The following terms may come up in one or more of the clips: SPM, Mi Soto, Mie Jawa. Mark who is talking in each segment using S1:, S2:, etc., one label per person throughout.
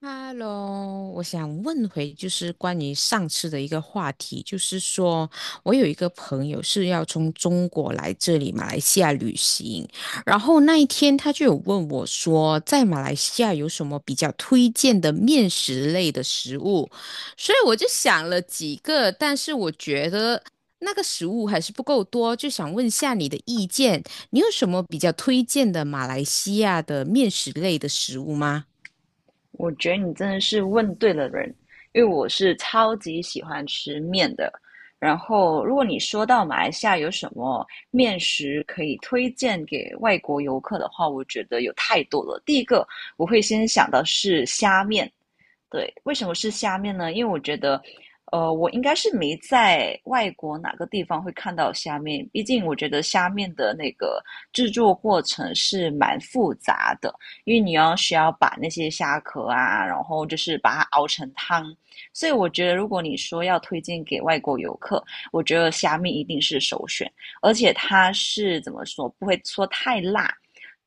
S1: Hello，我想问回就是关于上次的一个话题，就是说我有一个朋友是要从中国来这里马来西亚旅行，然后那一天他就有问我说，在马来西亚有什么比较推荐的面食类的食物，所以我就想了几个，但是我觉得那个食物还是不够多，就想问下你的意见，你有什么比较推荐的马来西亚的面食类的食物吗？
S2: 我觉得你真的是问对了人，因为我是超级喜欢吃面的。然后，如果你说到马来西亚有什么面食可以推荐给外国游客的话，我觉得有太多了。第一个，我会先想到是虾面。对，为什么是虾面呢？因为我觉得，我应该是没在外国哪个地方会看到虾面，毕竟我觉得虾面的那个制作过程是蛮复杂的，因为你要需要把那些虾壳啊，然后就是把它熬成汤，所以我觉得如果你说要推荐给外国游客，我觉得虾面一定是首选，而且它是怎么说，不会说太辣。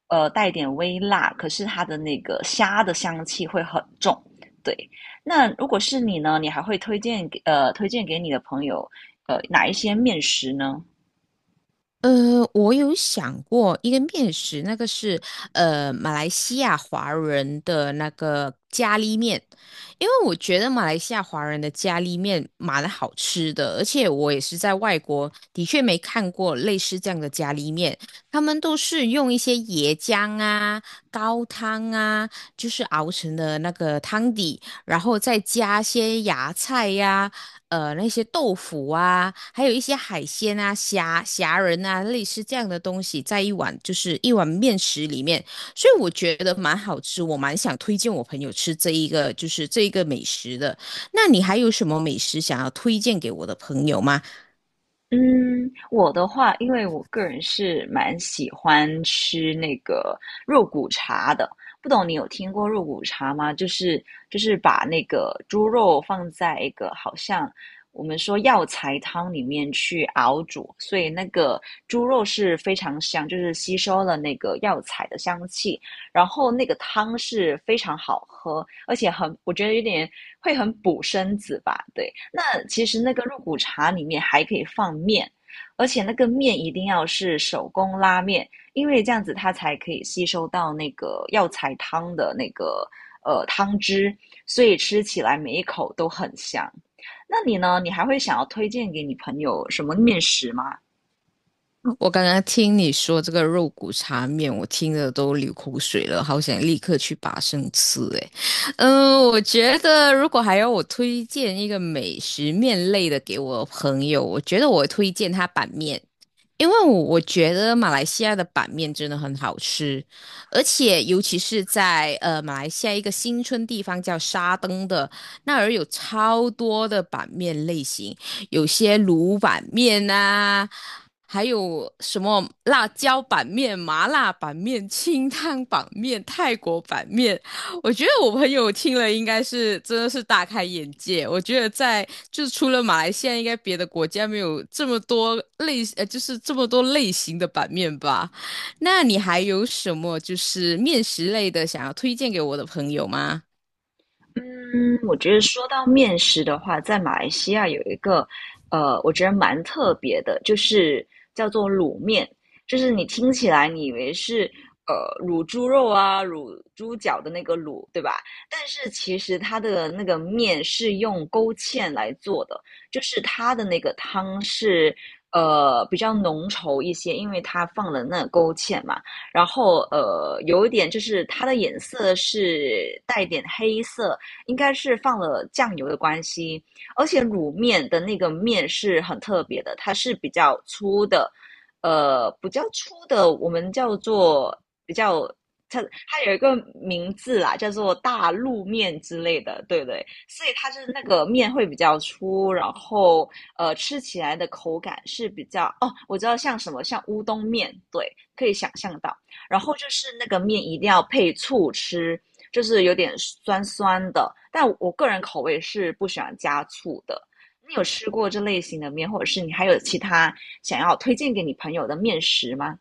S2: 带点微辣，可是它的那个虾的香气会很重。对，那如果是你呢，你还会推荐给推荐给你的朋友哪一些面食呢？
S1: 我有想过一个面食，那个是马来西亚华人的那个咖喱面，因为我觉得马来西亚华人的咖喱面蛮好吃的，而且我也是在外国的确没看过类似这样的咖喱面，他们都是用一些椰浆啊、高汤啊，就是熬成的那个汤底，然后再加些芽菜呀、那些豆腐啊，还有一些海鲜啊、虾仁啊，类似这样的东西，在一碗面食里面，所以我觉得蛮好吃，我蛮想推荐我朋友吃这一个美食的。那你还有什么美食想要推荐给我的朋友吗？
S2: 嗯，我的话，因为我个人是蛮喜欢吃那个肉骨茶的，不懂你有听过肉骨茶吗？就是把那个猪肉放在一个好像我们说药材汤里面去熬煮，所以那个猪肉是非常香，就是吸收了那个药材的香气，然后那个汤是非常好喝，而且很，我觉得有点会很补身子吧。对，那其实那个肉骨茶里面还可以放面，而且那个面一定要是手工拉面，因为这样子它才可以吸收到那个药材汤的那个汤汁，所以吃起来每一口都很香。那你呢？你还会想要推荐给你朋友什么面食吗？
S1: 我刚刚听你说这个肉骨茶面，我听的都流口水了，好想立刻去拔生吃诶。嗯，我觉得如果还要我推荐一个美食面类的给我朋友，我觉得我推荐他板面。因为我觉得马来西亚的板面真的很好吃，而且尤其是在马来西亚一个新村地方叫沙登的那儿有超多的板面类型，有些卤板面啊，还有什么辣椒板面、麻辣板面、清汤板面、泰国板面，我觉得我朋友听了应该是真的是大开眼界。我觉得在就是除了马来西亚，应该别的国家没有这么多类就是这么多类型的版面吧。那你还有什么就是面食类的想要推荐给我的朋友吗？
S2: 嗯，我觉得说到面食的话，在马来西亚有一个，我觉得蛮特别的，就是叫做卤面。就是你听起来你以为是卤猪肉啊、卤猪脚的那个卤，对吧？但是其实它的那个面是用勾芡来做的，就是它的那个汤是比较浓稠一些，因为它放了那个勾芡嘛。然后有一点就是它的颜色是带点黑色，应该是放了酱油的关系，而且卤面的那个面是很特别的，它是比较粗的，比较粗的，我们叫做比较。它它有一个名字啦，叫做大陆面之类的，对不对？所以它就是那个面会比较粗，然后吃起来的口感是比较哦，我知道像什么像乌冬面，对，可以想象到。然后就是那个面一定要配醋吃，就是有点酸酸的。但我个人口味是不喜欢加醋的。你有吃过这类型的面，或者是你还有其他想要推荐给你朋友的面食吗？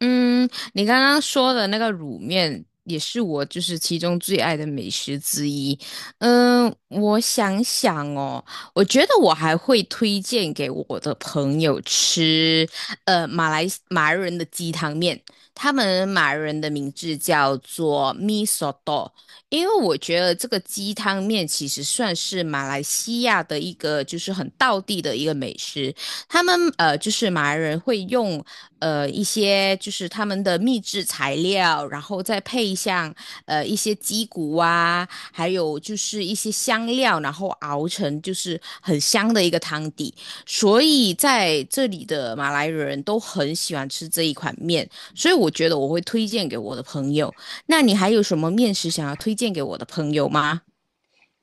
S1: 嗯，你刚刚说的那个卤面也是我就是其中最爱的美食之一。嗯，我想想哦，我觉得我还会推荐给我的朋友吃，马来人的鸡汤面，他们马来人的名字叫做 Mi Soto，因为我觉得这个鸡汤面其实算是马来西亚的一个就是很道地的一个美食。他们就是马来人会用一些就是他们的秘制材料，然后再配上一些鸡骨啊，还有就是一些香料，然后熬成就是很香的一个汤底。所以在这里的马来人都很喜欢吃这一款面，所以我觉得我会推荐给我的朋友。那你还有什么面食想要推荐给我的朋友吗？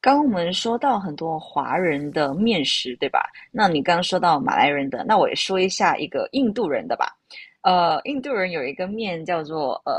S2: 刚刚我们说到很多华人的面食，对吧？那你刚刚说到马来人的，那我也说一下一个印度人的吧。印度人有一个面叫做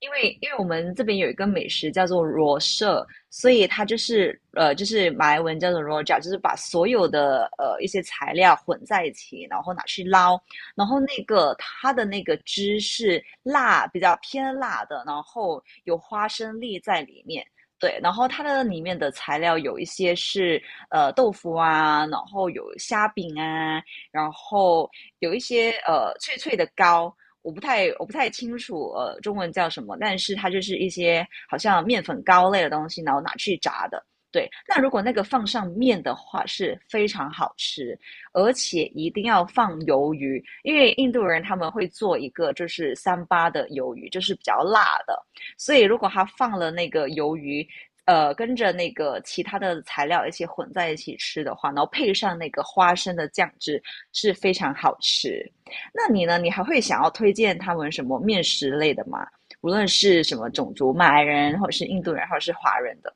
S2: 因为我们这边有一个美食叫做罗舍，所以它就是就是马来文叫做罗 a， 就是把所有的一些材料混在一起，然后拿去捞，然后那个它的那个汁是辣，比较偏辣的，然后有花生粒在里面。对，然后它的里面的材料有一些是豆腐啊，然后有虾饼啊，然后有一些脆脆的糕，我不太清楚中文叫什么，但是它就是一些好像面粉糕类的东西，然后拿去炸的。对，那如果那个放上面的话是非常好吃，而且一定要放鱿鱼，因为印度人他们会做一个就是三八的鱿鱼，就是比较辣的，所以如果他放了那个鱿鱼，跟着那个其他的材料一起混在一起吃的话，然后配上那个花生的酱汁是非常好吃。那你呢？你还会想要推荐他们什么面食类的吗？无论是什么种族，马来人，或者是印度人，或者是华人的。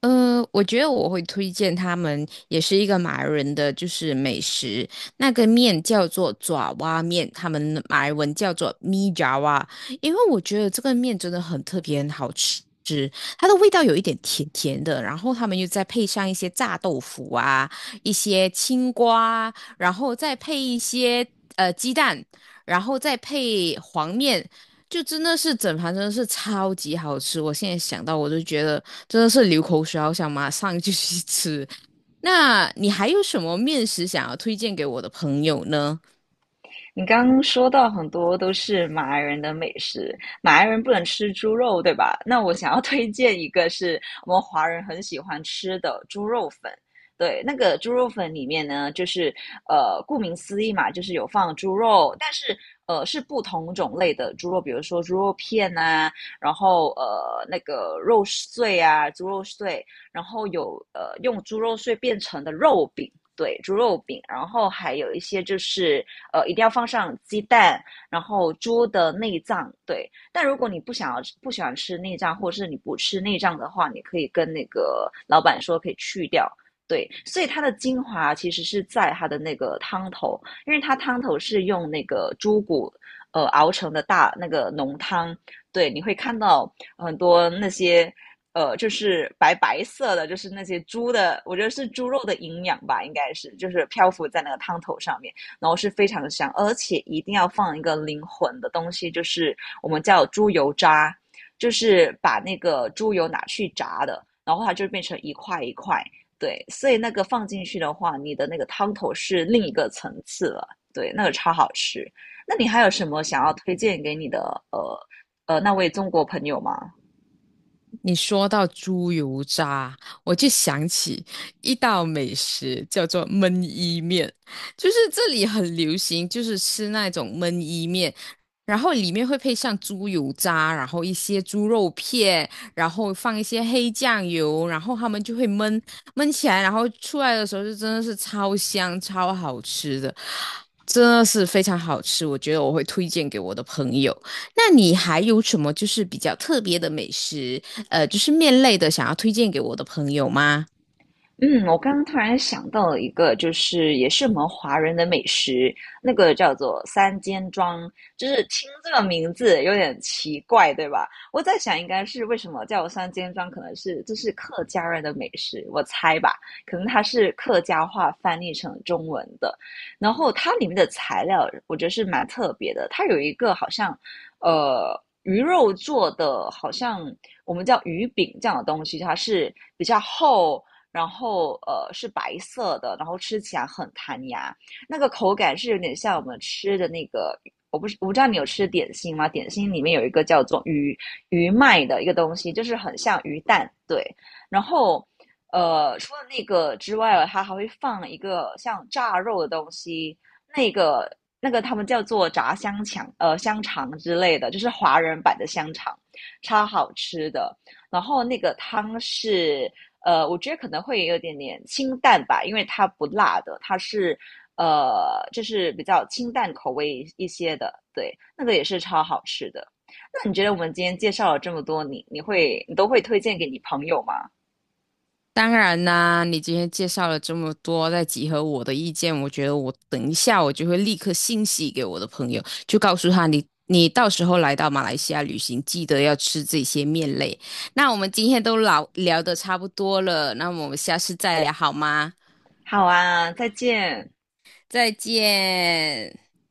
S1: 我觉得我会推荐他们，也是一个马来人的，就是美食。那个面叫做爪哇面，他们马来文叫做咪爪哇。因为我觉得这个面真的很特别，很好吃。它的味道有一点甜甜的，然后他们又再配上一些炸豆腐啊，一些青瓜，然后再配一些鸡蛋，然后再配黄面。就真的是整盘真的是超级好吃，我现在想到我都觉得真的是流口水，好想马上就去吃。那你还有什么面食想要推荐给我的朋友呢？
S2: 你刚刚说到很多都是马来人的美食，马来人不能吃猪肉，对吧？那我想要推荐一个是我们华人很喜欢吃的猪肉粉。对，那个猪肉粉里面呢，就是顾名思义嘛，就是有放猪肉，但是是不同种类的猪肉，比如说猪肉片啊，然后那个肉碎啊，猪肉碎，然后有用猪肉碎变成的肉饼，对，猪肉饼，然后还有一些就是一定要放上鸡蛋，然后猪的内脏。对。但如果你不想要不喜欢吃内脏，或者是你不吃内脏的话，你可以跟那个老板说可以去掉。对，所以它的精华其实是在它的那个汤头，因为它汤头是用那个猪骨熬成的大那个浓汤，对，你会看到很多那些就是白白色的，就是那些猪的，我觉得是猪肉的营养吧，应该是就是漂浮在那个汤头上面，然后是非常香，而且一定要放一个灵魂的东西，就是我们叫猪油渣，就是把那个猪油拿去炸的，然后它就变成一块一块。对，所以那个放进去的话，你的那个汤头是另一个层次了。对，那个超好吃。那你还有什么想要推荐给你的呃那位中国朋友吗？
S1: 你说到猪油渣，我就想起一道美食叫做焖伊面，就是这里很流行，就是吃那种焖伊面，然后里面会配上猪油渣，然后一些猪肉片，然后放一些黑酱油，然后他们就会焖起来，然后出来的时候就真的是超香、超好吃的，真的是非常好吃，我觉得我会推荐给我的朋友。那你还有什么就是比较特别的美食，就是面类的，想要推荐给我的朋友吗？
S2: 嗯，我刚刚突然想到了一个，就是也是我们华人的美食，那个叫做三间庄，就是听这个名字有点奇怪，对吧？我在想，应该是为什么叫三间庄，可能是这是客家人的美食，我猜吧，可能它是客家话翻译成中文的。然后它里面的材料，我觉得是蛮特别的，它有一个好像，呃。鱼肉做的，好像我们叫鱼饼这样的东西，它是比较厚，然后是白色的，然后吃起来很弹牙，那个口感是有点像我们吃的那个，我不知道你有吃点心吗？点心里面有一个叫做鱼麦的一个东西，就是很像鱼蛋。对。然后除了那个之外，它还会放一个像炸肉的东西，那个那个他们叫做炸香肠，香肠之类的，就是华人版的香肠，超好吃的。然后那个汤是我觉得可能会有一点点清淡吧，因为它不辣的，它是就是比较清淡口味一些的，对，那个也是超好吃的。那你觉得我们今天介绍了这么多，你都会推荐给你朋友吗？
S1: 当然啦，你今天介绍了这么多，再集合我的意见，我觉得我等一下我就会立刻信息给我的朋友，就告诉他你到时候来到马来西亚旅行，记得要吃这些面类。那我们今天都聊得差不多了，那我们下次再聊好吗？
S2: 好啊，再见。
S1: 再见。